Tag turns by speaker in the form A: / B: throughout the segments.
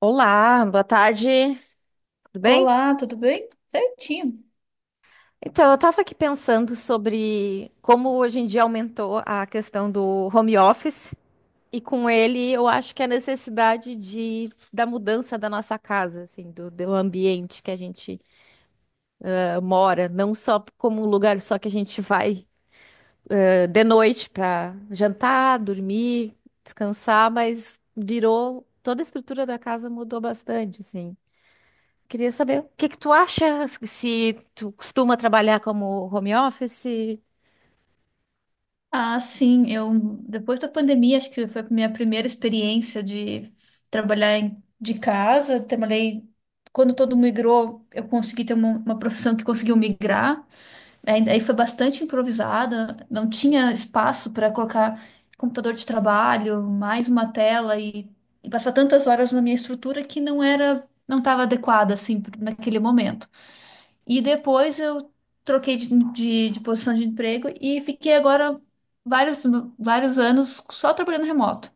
A: Olá, boa tarde, tudo bem?
B: Olá, tudo bem? Certinho.
A: Então, eu estava aqui pensando sobre como hoje em dia aumentou a questão do home office e com ele eu acho que a necessidade da mudança da nossa casa, assim, do ambiente que a gente mora, não só como um lugar só que a gente vai de noite para jantar, dormir, descansar, mas virou, toda a estrutura da casa mudou bastante, assim. Queria saber o que que tu acha, se tu costuma trabalhar como home office?
B: Ah, sim, eu depois da pandemia, acho que foi a minha primeira experiência de trabalhar de casa. Trabalhei quando todo mundo migrou, eu consegui ter uma profissão que conseguiu migrar. Aí, foi bastante improvisada, não tinha espaço para colocar computador de trabalho, mais uma tela e passar tantas horas na minha estrutura que não era, não estava adequada assim naquele momento. E depois eu troquei de posição de emprego e fiquei agora vários, vários anos só trabalhando remoto.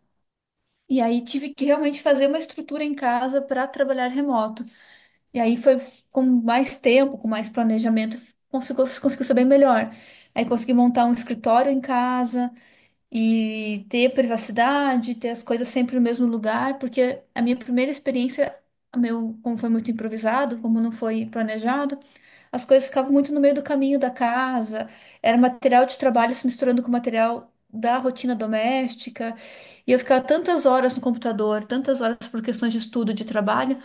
B: E aí tive que realmente fazer uma estrutura em casa para trabalhar remoto. E aí foi com mais tempo, com mais planejamento, conseguiu ser bem melhor. Aí consegui montar um escritório em casa e ter privacidade, ter as coisas sempre no mesmo lugar, porque a minha primeira experiência, como foi muito improvisado, como não foi planejado, as coisas ficavam muito no meio do caminho da casa, era material de trabalho se misturando com material da rotina doméstica, e eu ficava tantas horas no computador, tantas horas por questões de estudo, de trabalho,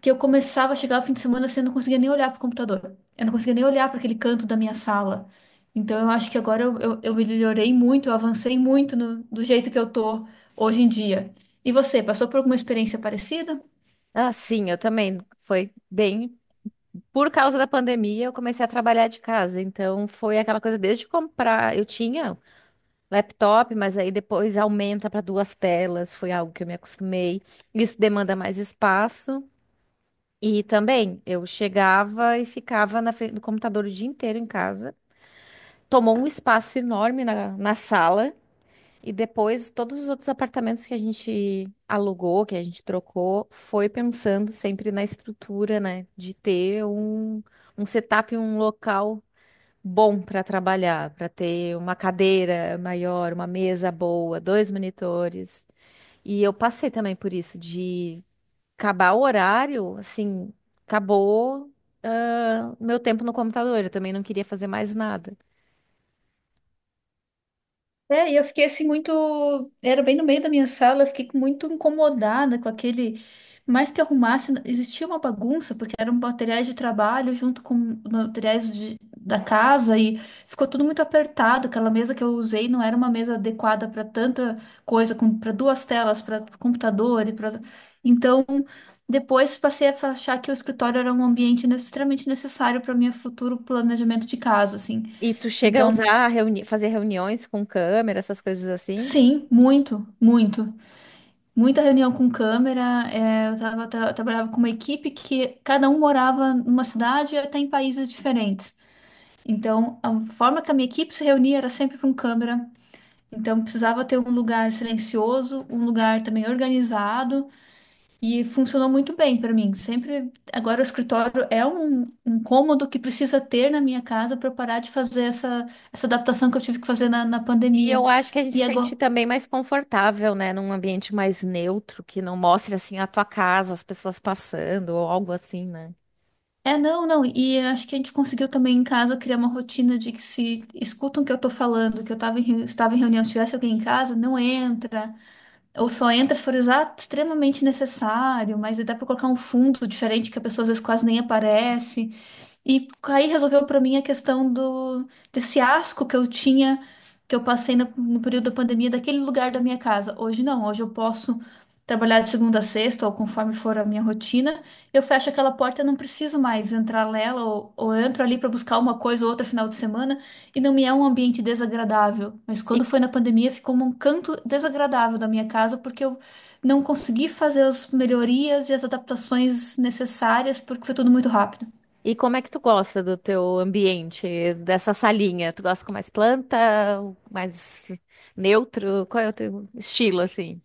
B: que eu começava a chegar ao fim de semana assim, eu não conseguia nem olhar para o computador, eu não conseguia nem olhar para aquele canto da minha sala. Então eu acho que agora eu melhorei muito, eu avancei muito do jeito que eu tô hoje em dia. E você, passou por alguma experiência parecida?
A: Ah, sim, eu também. Foi bem. Por causa da pandemia, eu comecei a trabalhar de casa. Então, foi aquela coisa desde comprar. Eu tinha laptop, mas aí depois aumenta para duas telas. Foi algo que eu me acostumei. Isso demanda mais espaço. E também, eu chegava e ficava na frente do computador o dia inteiro em casa. Tomou um espaço enorme na sala. E depois, todos os outros apartamentos que a gente alugou, que a gente trocou, foi pensando sempre na estrutura, né? De ter um, um setup, um local bom para trabalhar, para ter uma cadeira maior, uma mesa boa, dois monitores. E eu passei também por isso, de acabar o horário, assim, acabou, meu tempo no computador, eu também não queria fazer mais nada.
B: É, e eu fiquei assim muito. Era bem no meio da minha sala, eu fiquei muito incomodada com aquele. Mais que arrumasse, existia uma bagunça, porque eram materiais de trabalho junto com materiais da casa e ficou tudo muito apertado. Aquela mesa que eu usei não era uma mesa adequada para tanta coisa, para duas telas, para computador e para. Então, depois passei a achar que o escritório era um ambiente extremamente necessário para o meu futuro planejamento de casa, assim.
A: E tu chega a
B: Então,
A: usar, reuni fazer reuniões com câmera, essas coisas assim?
B: sim, muito, muito. Muita reunião com câmera, é, eu trabalhava com uma equipe que cada um morava numa cidade e até em países diferentes. Então, a forma que a minha equipe se reunia era sempre com câmera. Então, precisava ter um lugar silencioso, um lugar também organizado e funcionou muito bem para mim. Sempre, agora o escritório é um cômodo que precisa ter na minha casa para parar de fazer essa adaptação que eu tive que fazer na
A: E
B: pandemia.
A: eu acho que a gente se
B: E agora,
A: sente também mais confortável, né? Num ambiente mais neutro, que não mostre assim a tua casa, as pessoas passando ou algo assim, né?
B: é, não, não, e acho que a gente conseguiu também em casa criar uma rotina de que se escutam o que eu tô falando, que eu tava estava em reunião, tivesse alguém em casa, não entra, ou só entra se for extremamente necessário, mas aí dá pra colocar um fundo diferente que a pessoa às vezes quase nem aparece. E aí resolveu pra mim a questão do desse asco que eu tinha, que eu passei no período da pandemia, daquele lugar da minha casa. Hoje não, hoje eu posso trabalhar de segunda a sexta, ou conforme for a minha rotina, eu fecho aquela porta, eu não preciso mais entrar nela, ou eu entro ali para buscar uma coisa ou outra final de semana, e não me é um ambiente desagradável. Mas quando
A: E,
B: foi na pandemia, ficou um canto desagradável da minha casa, porque eu não consegui fazer as melhorias e as adaptações necessárias, porque foi tudo muito rápido.
A: e como é que tu gosta do teu ambiente, dessa salinha? Tu gosta com mais planta, mais neutro? Qual é o teu estilo, assim,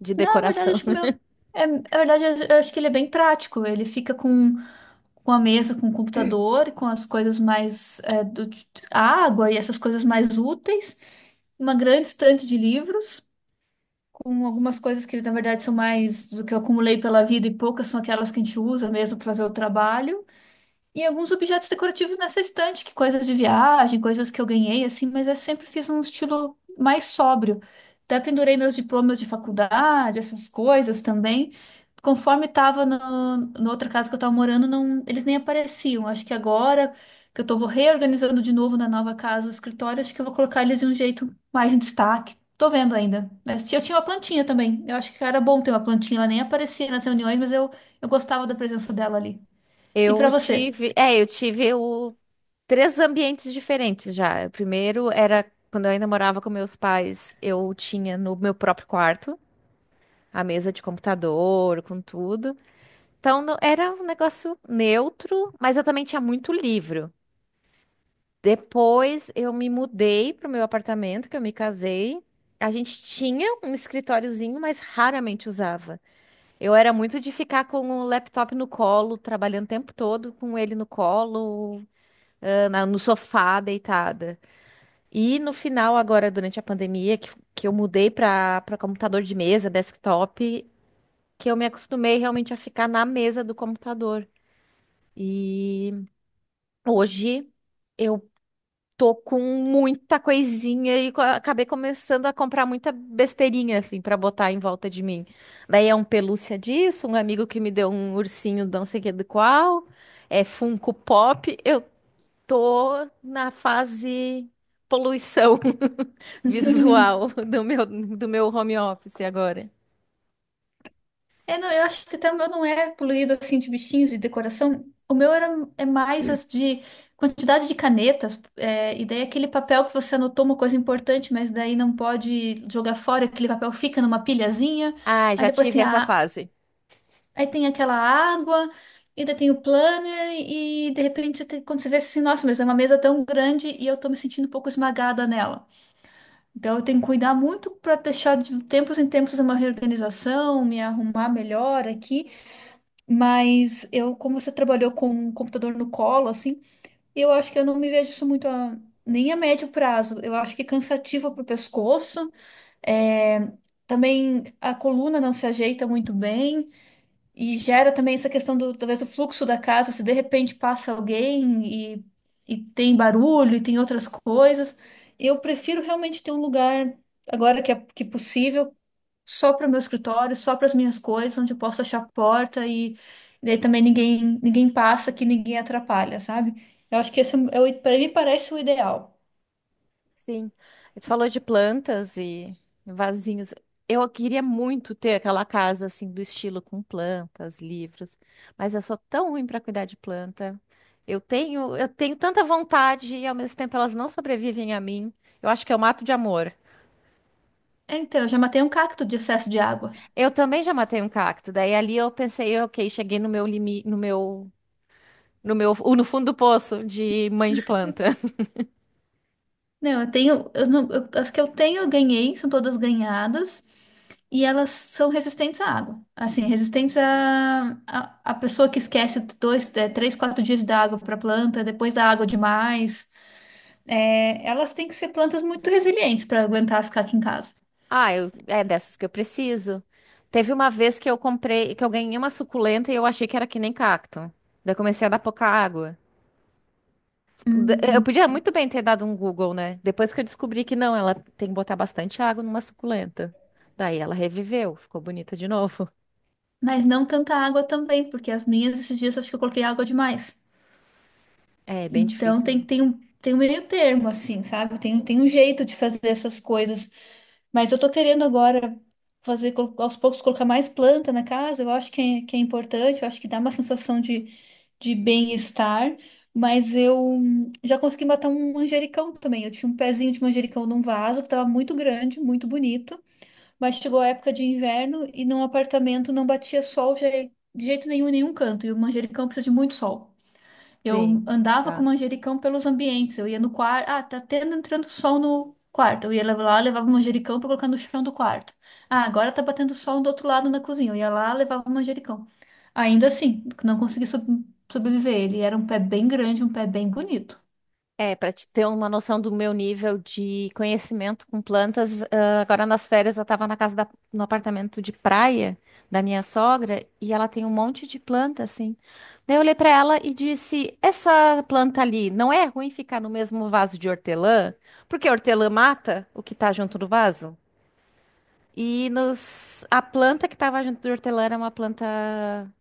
A: de
B: Na verdade,
A: decoração?
B: acho que o meu. É, na verdade, eu acho que ele é bem prático. Ele fica com a mesa, com o computador, com as coisas mais. É, do, água e essas coisas mais úteis. Uma grande estante de livros, com algumas coisas que, na verdade, são mais do que eu acumulei pela vida e poucas são aquelas que a gente usa mesmo para fazer o trabalho. E alguns objetos decorativos nessa estante, que coisas de viagem, coisas que eu ganhei, assim, mas eu sempre fiz um estilo mais sóbrio. Até pendurei meus diplomas de faculdade, essas coisas também. Conforme estava no, na outra casa que eu estava morando, não, eles nem apareciam. Acho que agora que eu estou reorganizando de novo na nova casa o escritório, acho que eu vou colocar eles de um jeito mais em destaque. Tô vendo ainda. Mas eu tinha uma plantinha também. Eu acho que era bom ter uma plantinha. Ela nem aparecia nas reuniões, mas eu gostava da presença dela ali. E para você?
A: Eu tive o, três ambientes diferentes já. O primeiro era quando eu ainda morava com meus pais, eu tinha no meu próprio quarto. A mesa de computador, com tudo. Então não- era um negócio neutro, mas eu também tinha muito livro. Depois eu me mudei pro meu apartamento, que eu me casei. A gente tinha um escritóriozinho, mas raramente usava. Eu era muito de ficar com o laptop no colo, trabalhando o tempo todo com ele no colo, na- no sofá, deitada. E no final, agora, durante a pandemia, que eu mudei para computador de mesa, desktop, que eu me acostumei realmente a ficar na mesa do computador. E hoje eu tô com muita coisinha e co- acabei começando a comprar muita besteirinha assim pra botar em volta de mim. Daí é um pelúcia disso, um amigo que me deu um ursinho, não sei que do qual, é Funko Pop. Eu tô na fase poluição visual do meu home office agora.
B: É, não, eu acho que até o meu não é poluído assim de bichinhos de decoração. O meu era, é mais as de quantidade de canetas, é, e daí aquele papel que você anotou uma coisa importante, mas daí não pode jogar fora, aquele papel fica numa pilhazinha.
A: Ah,
B: Aí
A: já
B: depois
A: tive
B: tem
A: essa
B: a,
A: fase.
B: aí tem aquela água, e daí tem o planner, e de repente quando você vê assim, nossa, mas é uma mesa tão grande e eu tô me sentindo um pouco esmagada nela. Então, eu tenho que cuidar muito para deixar de tempos em tempos uma reorganização, me arrumar melhor aqui. Mas eu, como você trabalhou com um computador no colo, assim, eu acho que eu não me vejo isso muito a, nem a médio prazo. Eu acho que é cansativo para o pescoço. É, também a coluna não se ajeita muito bem. E gera também essa questão do, talvez, do fluxo da casa, se de repente passa alguém e tem barulho e tem outras coisas. Eu prefiro realmente ter um lugar, agora que é possível, só para o meu escritório, só para as minhas coisas, onde eu posso achar a porta e daí também ninguém, ninguém passa, que ninguém atrapalha, sabe? Eu acho que esse é, para mim parece o ideal.
A: Sim, tu falou de plantas e vasinhos. Eu queria muito ter aquela casa assim do estilo com plantas, livros, mas eu sou tão ruim para cuidar de planta. Eu tenho tanta vontade e ao mesmo tempo elas não sobrevivem a mim. Eu acho que eu mato de amor.
B: É, então, eu já matei um cacto de excesso de água.
A: Eu também já matei um cacto. Daí ali eu pensei, ok, cheguei no meu limite, no meu, no fundo do poço de mãe de planta.
B: Não, eu tenho, eu não- eu- as que eu tenho, eu ganhei, são todas ganhadas, e elas são resistentes à água. Assim, resistentes à pessoa que esquece dois, três, quatro dias da água para planta, depois da água demais. É, elas têm que ser plantas muito resilientes para aguentar ficar aqui em casa.
A: Ah, eu, é dessas que eu preciso. Teve uma vez que que eu ganhei uma suculenta e eu achei que era que nem cacto. Daí eu comecei a dar pouca água. D- Eu
B: Hum,
A: podia muito bem ter dado um Google, né? Depois que eu descobri que não, ela tem que botar bastante água numa suculenta. Daí ela reviveu, ficou bonita de novo.
B: Mas não tanta água também, porque as minhas, esses dias, acho que eu coloquei água demais.
A: É, bem
B: Então,
A: difícil, né?
B: tem um meio termo, assim, sabe? Tem um jeito de fazer essas coisas. Mas eu tô querendo agora fazer, aos poucos, colocar mais planta na casa. Eu acho que que é importante, eu acho que dá uma sensação de bem-estar. Mas eu já consegui matar um manjericão também. Eu tinha um pezinho de manjericão num vaso que estava muito grande, muito bonito. Mas chegou a época de inverno e num apartamento não batia sol de jeito nenhum, em nenhum canto. E o manjericão precisa de muito sol. Eu
A: Sim.
B: andava com manjericão pelos ambientes. Eu ia no quarto. Ah, tá tendo entrando sol no quarto. Eu ia lá, levava o manjericão para colocar no chão do quarto. Ah, agora tá batendo sol do outro lado na cozinha. Eu ia lá, levava o manjericão. Ainda assim, não consegui sobreviver. Ele era um pé bem grande, um pé bem bonito.
A: É, para te ter uma noção do meu nível de conhecimento com plantas, ah, agora nas férias eu estava no apartamento de praia da minha sogra e ela tem um monte de planta assim. Daí eu olhei para ela e disse: "Essa planta ali não é ruim ficar no mesmo vaso de hortelã? Porque a hortelã mata o que está junto do vaso?" E nos, a planta que estava junto do hortelã era uma planta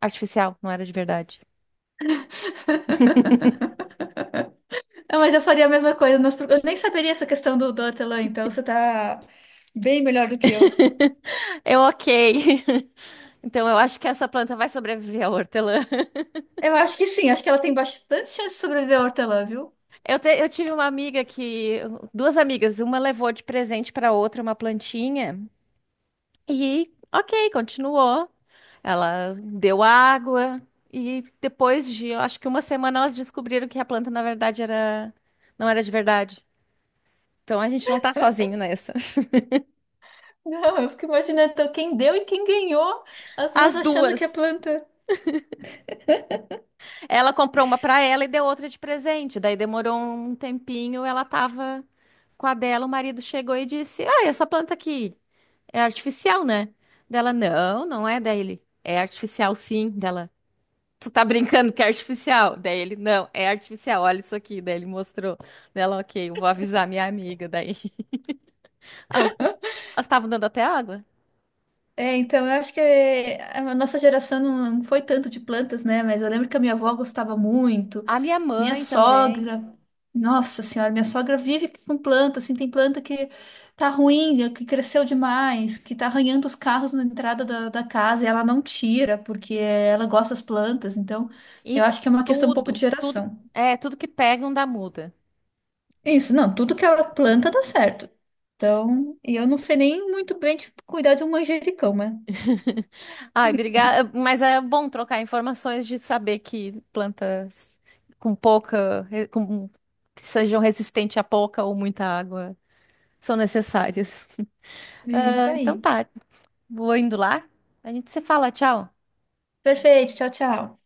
A: artificial, não era de verdade.
B: Ah, mas eu faria a mesma coisa. Eu nem saberia essa questão do hortelã, então você tá bem melhor do que eu.
A: Eu, ok. Então eu acho que essa planta vai sobreviver à hortelã.
B: Eu acho que sim, acho que ela tem bastante chance de sobreviver ao hortelã, viu?
A: Eu tive uma amiga que, duas amigas, uma levou de presente para outra uma plantinha e, ok, continuou. Ela deu água e depois de, eu acho que uma semana elas descobriram que a planta na verdade era, não era de verdade. Então a gente não tá sozinho nessa.
B: Não, eu fico imaginando então, quem deu e quem ganhou, as duas
A: As
B: achando que é
A: duas.
B: planta.
A: Ela comprou uma pra ela e deu outra de presente. Daí demorou um tempinho, ela tava com a dela, o marido chegou e disse: Ah, essa planta aqui é artificial, né? Dela, não, não é. Daí ele, é artificial sim. Dela, tu tá brincando que é artificial? Daí ele, não, é artificial, olha isso aqui. Daí ele mostrou. Dela, ok, eu vou avisar minha amiga. Daí, Ah, elas estavam dando até água.
B: É, então eu acho que é, a nossa geração não foi tanto de plantas, né? Mas eu lembro que a minha avó gostava muito,
A: A minha
B: minha
A: mãe também.
B: sogra, nossa senhora, minha sogra vive com planta, assim, tem planta que tá ruim, que cresceu demais, que tá arranhando os carros na entrada da casa e ela não tira, porque ela gosta das plantas, então eu
A: E
B: acho que é uma questão um pouco de
A: tudo, tudo,
B: geração.
A: é, tudo que pegam dá muda.
B: Isso, não, tudo que ela planta dá certo. Então, e eu não sei nem muito bem, tipo, cuidar de um manjericão, mas
A: Ai, obrigada. Mas é bom trocar informações de saber que plantas com pouca, re- com, que sejam resistentes a pouca ou muita água são necessárias.
B: é isso
A: Ah, então
B: aí.
A: tá, vou indo lá. A gente se fala, tchau.
B: Perfeito, tchau, tchau.